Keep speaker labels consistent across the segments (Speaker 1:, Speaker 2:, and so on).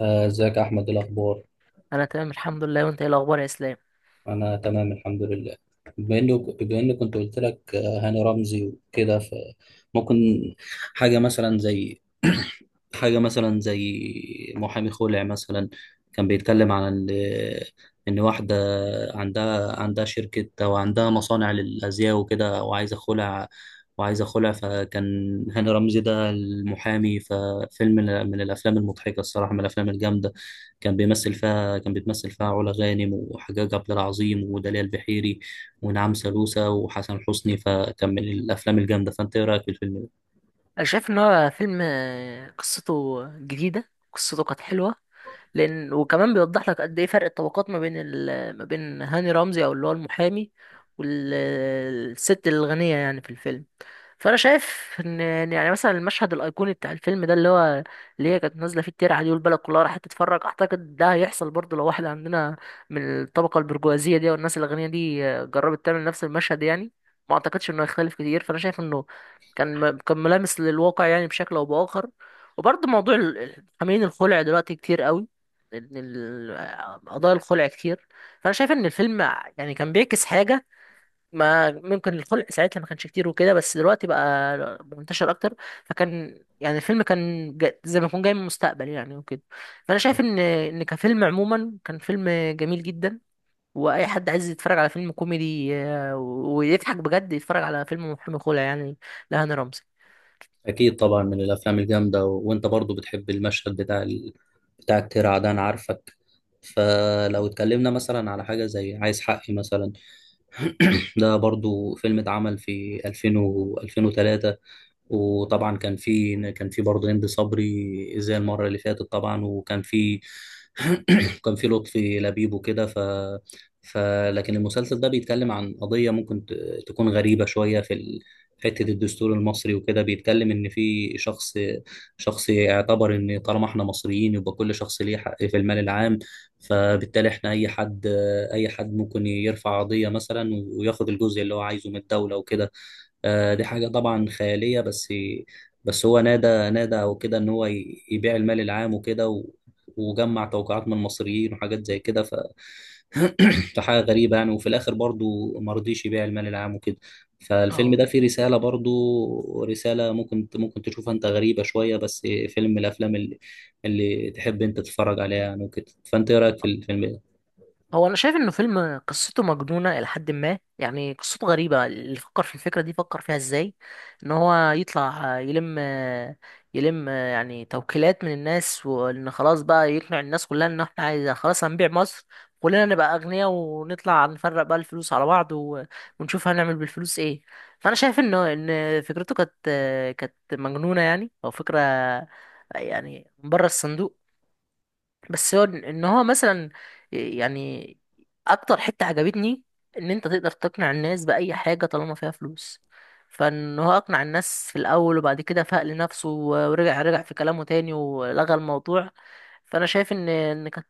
Speaker 1: ازيك يا احمد؟ إيه الاخبار؟
Speaker 2: انا تمام الحمد لله، وانت ايه الاخبار يا اسلام؟
Speaker 1: انا تمام الحمد لله. بما اني كنت قلت لك هاني رمزي وكده فممكن حاجه مثلا زي حاجه مثلا زي محامي خلع مثلا. كان بيتكلم عن ان واحده عندها شركه او عندها مصانع للازياء وكده وعايزه خلع. وعايزه خلع فكان هاني رمزي ده المحامي. ففيلم من الافلام المضحكه، الصراحه من الافلام الجامده. كان بيتمثل فيها علا غانم وحجاج عبد العظيم وداليا البحيري ونعم سالوسة وحسن حسني، فكان من الافلام الجامده. فانت ايه رايك في الفيلم ده؟
Speaker 2: انا شايف ان هو فيلم قصته جديده، قصته كانت حلوه، لان وكمان بيوضح لك قد ايه فرق الطبقات ما بين ما بين هاني رمزي او اللي هو المحامي والست الغنيه يعني في الفيلم. فانا شايف ان يعني مثلا المشهد الايقوني بتاع الفيلم ده اللي هي كانت نازله فيه الترعه دي والبلد كلها راحت تتفرج. اعتقد ده هيحصل برضه لو واحده عندنا من الطبقه البرجوازيه دي والناس الغنيه دي جربت تعمل نفس المشهد يعني، ما اعتقدش انه هيختلف كتير. فانا شايف انه كان ملامس للواقع يعني بشكل او باخر. وبرضه موضوع حاملين الخلع دلوقتي كتير قوي، إن قضايا الخلع كتير. فانا شايف ان الفيلم يعني كان بيعكس حاجه ما، ممكن الخلق ساعتها ما كانش كتير وكده، بس دلوقتي بقى منتشر اكتر. فكان يعني الفيلم زي ما يكون جاي من المستقبل يعني وكده. فانا شايف ان كفيلم عموما كان فيلم جميل جدا. واي حد عايز يتفرج على فيلم كوميدي ويضحك بجد يتفرج على فيلم محامي خلع يعني، لهاني رمزي.
Speaker 1: اكيد طبعا من الافلام الجامده وانت برضو بتحب المشهد بتاع بتاع الترعه ده، انا عارفك. فلو اتكلمنا مثلا على حاجه زي عايز حقي مثلا، ده برضو فيلم اتعمل في 2000 و 2003. وطبعا كان في برضه هند صبري زي المره اللي فاتت طبعا، وكان في كان في لطفي لبيب وكده ف ف لكن المسلسل ده بيتكلم عن قضيه ممكن تكون غريبه شويه في حته الدستور المصري وكده. بيتكلم ان في شخص، شخص يعتبر ان طالما احنا مصريين يبقى كل شخص ليه حق في المال العام. فبالتالي احنا اي حد ممكن يرفع قضيه مثلا وياخد الجزء اللي هو عايزه من الدوله وكده. دي حاجة طبعا خيالية. بس بس هو نادى وكده إن هو يبيع المال العام وكده وجمع توقيعات من المصريين وحاجات زي كده فحاجة غريبة يعني. وفي الآخر برضو ما رضيش يبيع المال العام وكده. فالفيلم
Speaker 2: اه،
Speaker 1: ده فيه رسالة، برضو رسالة ممكن تشوفها أنت غريبة شوية. بس فيلم من الأفلام اللي تحب أنت تتفرج عليها يعني وكده. فأنت إيه رأيك في الفيلم؟
Speaker 2: هو انا شايف انه فيلم قصته مجنونه الى حد ما يعني، قصته غريبه. اللي فكر في الفكره دي فكر فيها ازاي؟ ان هو يطلع يلم يعني توكيلات من الناس، وان خلاص بقى يقنع الناس كلها ان احنا عايز خلاص هنبيع مصر، كلنا نبقى اغنياء ونطلع نفرق بقى الفلوس على بعض ونشوف هنعمل بالفلوس ايه. فانا شايف انه ان فكرته كانت مجنونه يعني، او فكره يعني بره الصندوق. بس هو ان هو مثلا، يعني اكتر حتة عجبتني ان انت تقدر تقنع الناس بأي حاجة طالما فيها فلوس. فان هو اقنع الناس في الاول، وبعد كده فاق لنفسه ورجع في كلامه تاني ولغى الموضوع. فانا شايف ان ان كانت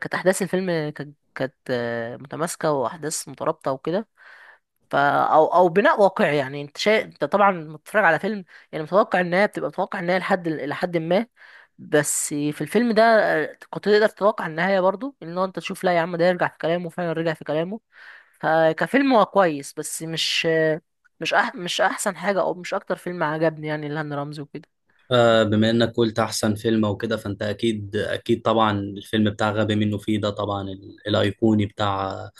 Speaker 2: كانت احداث الفيلم كانت متماسكة، واحداث مترابطة وكده. ف او بناء واقعي يعني. انت شايف انت طبعا لما بتتفرج على فيلم يعني متوقع النهايه، بتبقى متوقع النهايه لحد ما. بس في الفيلم ده كنت تقدر تتوقع النهايه برضو، ان هو انت تشوف لا يا عم ده يرجع في كلامه، فعلا رجع في كلامه. فكفيلم هو كويس، بس مش احسن حاجه، او مش اكتر فيلم عجبني يعني لهاني رمزي وكده.
Speaker 1: بما انك قلت احسن فيلم وكده فانت اكيد طبعا الفيلم بتاع غبي منه فيه ده طبعا الايقوني بتاع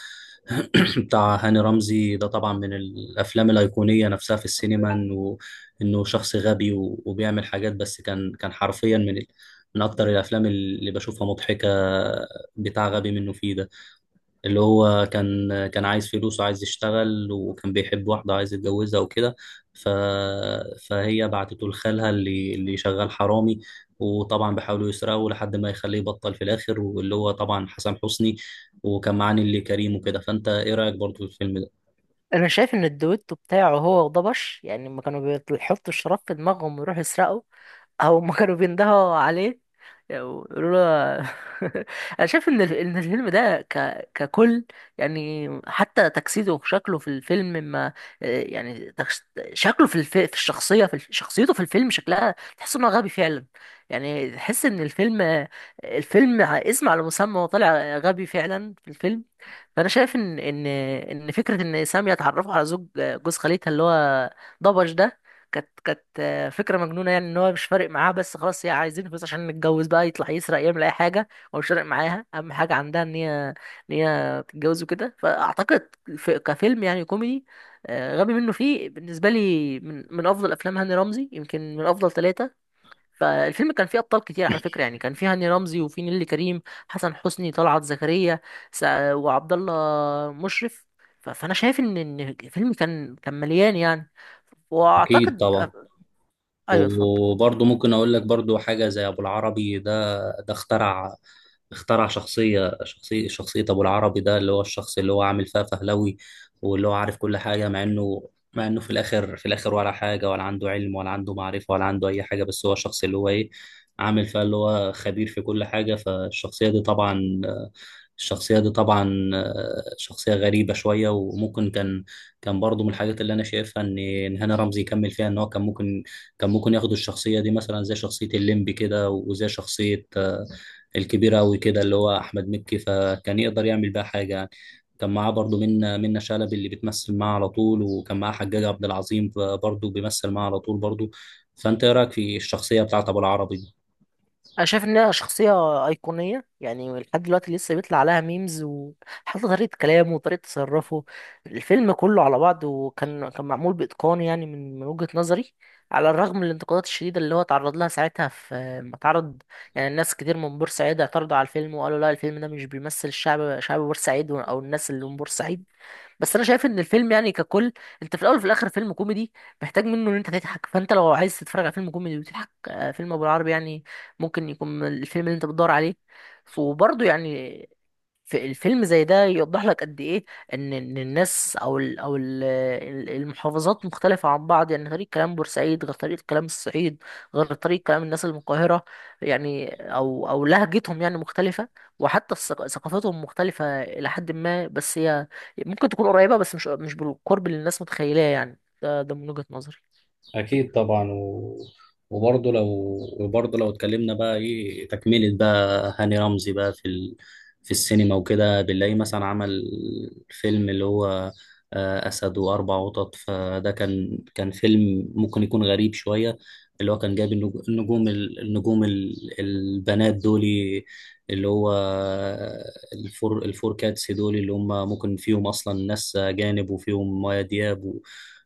Speaker 1: بتاع هاني رمزي ده، طبعا من الافلام الايقونيه نفسها في السينما. انه، انه شخص غبي وبيعمل حاجات. بس كان حرفيا من من اكتر الافلام اللي بشوفها مضحكه، بتاع غبي منه فيه ده، اللي هو كان عايز فلوس وعايز يشتغل وكان بيحب واحدة عايز يتجوزها وكده ف... فهي بعتته لخالها اللي شغال حرامي. وطبعا بيحاولوا يسرقوا لحد ما يخليه يبطل في الآخر، واللي هو طبعا حسن حسني. وكان معاه نيللي كريم وكده. فأنت إيه رأيك برضو في الفيلم ده؟
Speaker 2: انا شايف ان الدويتو بتاعه هو وضبش، يعني لما كانوا بيحطوا الشراب في دماغهم ويروحوا يسرقوا، او ما كانوا بيندهوا عليه يقولوا له انا شايف ان الفيلم ده ككل، يعني حتى تجسيده وشكله في الفيلم ما، يعني شكله في في الشخصيه في شخصيته في الفيلم شكلها تحس انه غبي فعلا. يعني تحس ان الفيلم اسم على مسمى، وطلع غبي فعلا في الفيلم. فانا شايف ان فكره ان ساميه اتعرفوا على جوز خالتها اللي هو ضبج ده، كانت فكره مجنونه، يعني ان هو مش فارق معاها، بس خلاص هي عايزين فلوس عشان نتجوز، بقى يطلع يسرق يعمل اي حاجه. هو مش فارق معاها، اهم حاجه عندها ان هي تتجوز وكده. فاعتقد في كفيلم يعني كوميدي، غبي منه فيه بالنسبه لي من افضل افلام هاني رمزي، يمكن من افضل ثلاثه. فالفيلم كان فيه ابطال كتير على فكره يعني، كان فيه هاني رمزي، وفيه نيللي كريم، حسن حسني، طلعت زكريا، وعبد الله مشرف. فانا شايف ان الفيلم كان مليان يعني،
Speaker 1: أكيد
Speaker 2: واعتقد.
Speaker 1: طبعا.
Speaker 2: ايوه اتفضل.
Speaker 1: وبرضه ممكن أقول لك برضه حاجة زي أبو العربي ده. ده اخترع، اخترع شخصية، شخصية أبو العربي ده، اللي هو الشخص اللي هو عامل فيها فهلوي واللي هو عارف كل حاجة. مع إنه، في الآخر، في الآخر ولا حاجة، ولا عنده علم ولا عنده معرفة ولا عنده أي حاجة. بس هو الشخص اللي هو إيه، عامل فيها اللي هو خبير في كل حاجة. فالشخصية دي طبعا، شخصية غريبة شوية. وممكن كان، كان برضه من الحاجات اللي أنا شايفها إن هاني رمزي يكمل فيها. إن هو كان ممكن، كان ممكن ياخد الشخصية دي مثلا زي شخصية الليمبي كده وزي شخصية الكبير أوي كده اللي هو أحمد مكي، فكان يقدر يعمل بيها حاجة يعني. كان معاه برضه منة شلبي اللي بتمثل معاه على طول، وكان معاه حجاج عبد العظيم برضه بيمثل معاه على طول برضه. فأنت إيه رأيك في الشخصية بتاعت أبو العربي دي؟
Speaker 2: انا شايف انها شخصيه ايقونيه يعني، لحد دلوقتي لسه بيطلع عليها ميمز، وحتى طريقه كلامه وطريقه تصرفه. الفيلم كله على بعضه كان معمول باتقان يعني من وجهه نظري. على الرغم من الانتقادات الشديده اللي هو تعرض لها ساعتها في ما تعرض. يعني الناس كتير من بورسعيد اعترضوا على الفيلم وقالوا لا، الفيلم ده مش بيمثل الشعب، شعب بورسعيد او الناس اللي من بورسعيد. بس انا شايف ان الفيلم يعني ككل، انت في الاول وفي الاخر فيلم كوميدي، محتاج منه ان انت تضحك. فانت لو عايز تتفرج على فيلم كوميدي وتضحك، فيلم ابو العربي يعني ممكن يكون من الفيلم اللي انت بتدور عليه. وبرضه يعني في الفيلم زي ده يوضح لك قد ايه ان الناس او ال المحافظات مختلفه عن بعض، يعني طريق كلام بورسعيد غير طريق كلام الصعيد، غير طريق كلام الناس اللي من القاهره. يعني او لهجتهم يعني مختلفه، وحتى ثقافتهم مختلفه الى حد ما. بس هي ممكن تكون قريبه، بس مش بالقرب اللي الناس متخيلاه يعني. ده من وجهه نظري.
Speaker 1: اكيد طبعا وبرضه لو، وبرضه لو اتكلمنا بقى ايه تكمله بقى هاني رمزي بقى في في السينما وكده، بنلاقيه مثلا عمل فيلم اللي هو اسد واربع قطط. فده كان، كان فيلم ممكن يكون غريب شويه. اللي هو كان جايب النجوم النجوم البنات دولي اللي هو الفور كاتس دول، اللي هم ممكن فيهم اصلا ناس اجانب وفيهم مايا دياب و...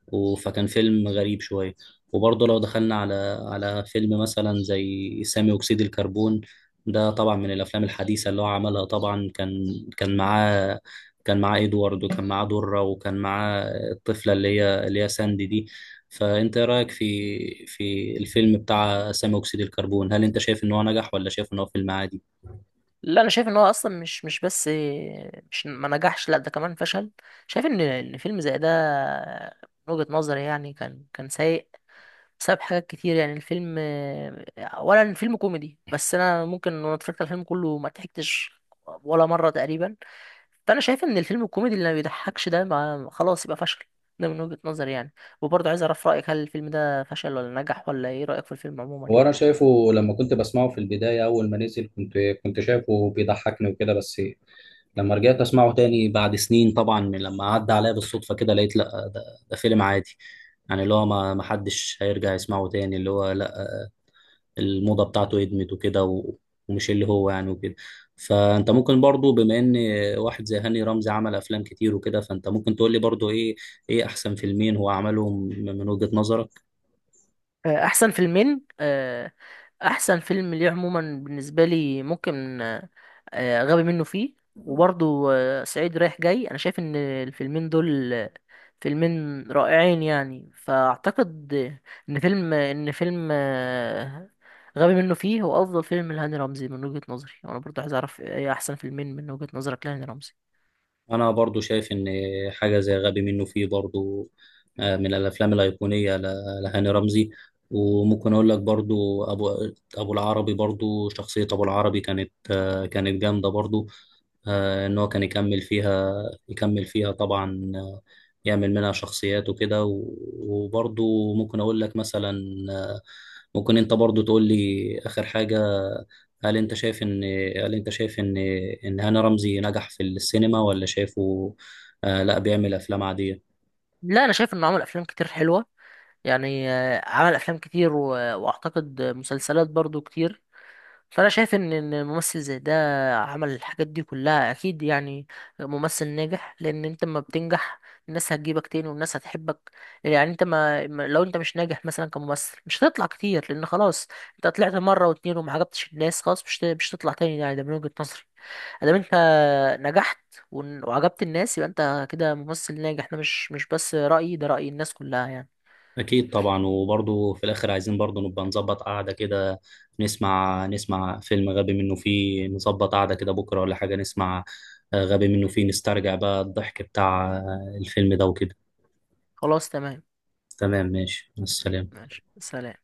Speaker 1: و- فكان فيلم غريب شويه. وبرضه لو دخلنا على، على فيلم مثلا زي سامي أكسيد الكربون، ده طبعا من الأفلام الحديثة اللي هو عملها. طبعا كان، كان معاه كان معاه إدوارد، وكان معاه درة، وكان معاه الطفلة اللي هي ساندي دي. فأنت إيه رأيك في في الفيلم بتاع سامي أكسيد الكربون؟ هل أنت شايف إن هو نجح ولا شايف إن هو فيلم عادي؟
Speaker 2: لا، انا شايف ان هو اصلا مش ما نجحش، لا ده كمان فشل. شايف ان فيلم زي ده من وجهة نظري يعني كان سيء، بسبب حاجات كتير يعني. الفيلم، اولا الفيلم كوميدي، بس انا ممكن، وانا اتفرجت على الفيلم كله، ما ضحكتش ولا مرة تقريبا. فانا شايف ان الفيلم الكوميدي اللي ما بيضحكش ده، ما خلاص يبقى فشل، ده من وجهة نظري يعني. وبرضه عايز اعرف رأيك، هل الفيلم ده فشل ولا نجح، ولا ايه رأيك في الفيلم عموما
Speaker 1: وانا
Speaker 2: يعني.
Speaker 1: شايفه لما كنت بسمعه في البدايه اول ما نزل، كنت شايفه بيضحكني وكده. بس لما رجعت اسمعه تاني بعد سنين طبعا من لما عدى عليا بالصدفه كده، لقيت لا ده فيلم عادي. يعني اللي هو ما حدش هيرجع يسمعه تاني، اللي هو لا، الموضه بتاعته ادمت وكده ومش اللي هو يعني وكده. فانت ممكن برضو بما ان واحد زي هاني رمزي عمل افلام كتير وكده، فانت ممكن تقول لي برضو ايه، ايه احسن فيلمين هو عملهم من وجهة نظرك؟
Speaker 2: احسن فيلمين، احسن فيلم ليه عموما بالنسبه لي ممكن غبي منه فيه، وبرضو صعيدي رايح جاي. انا شايف ان الفيلمين دول فيلمين رائعين يعني. فاعتقد ان فيلم غبي منه فيه هو افضل فيلم لهاني رمزي من وجهه نظري. وانا برضو عايز اعرف ايه احسن فيلمين من وجهه نظرك لهاني رمزي.
Speaker 1: انا برضو شايف ان حاجه زي غبي منه فيه برضو من الافلام الايقونيه لهاني رمزي. وممكن اقول لك برضو ابو، ابو العربي برضو. شخصيه ابو العربي كانت كانت جامده برضو. ان هو كان يكمل فيها، يكمل فيها طبعا. يعمل منها شخصيات وكده وبرضو ممكن اقول لك مثلا آه، ممكن انت برضو تقول لي اخر حاجة. هل انت شايف ان هل انت شايف ان ان هاني رمزي نجح في السينما، ولا شايفه لا بيعمل افلام عادية؟
Speaker 2: لا، انا شايف انه عمل افلام كتير حلوه يعني، عمل افلام كتير، واعتقد مسلسلات برضو كتير. فانا شايف ان ممثل زي ده عمل الحاجات دي كلها، اكيد يعني ممثل ناجح. لان انت لما بتنجح الناس هتجيبك تاني والناس هتحبك. يعني انت لو انت مش ناجح مثلا كممثل مش هتطلع كتير، لان خلاص انت طلعت مره واتنين وما عجبتش الناس، خلاص مش تطلع تاني يعني. ده من وجهة نظري. ادام انت نجحت وعجبت الناس، يبقى انت كده ممثل ناجح. ده مش بس رأيي، ده رأي الناس كلها يعني.
Speaker 1: أكيد طبعا. وبرضه في الآخر عايزين برضه نبقى نظبط قعدة كده. نسمع فيلم غبي منه فيه، نظبط قعدة كده بكرة ولا حاجة. نسمع غبي منه فيه، نسترجع بقى الضحك بتاع الفيلم ده وكده.
Speaker 2: خلاص تمام.
Speaker 1: تمام ماشي، مع السلامة.
Speaker 2: ماشي، سلام.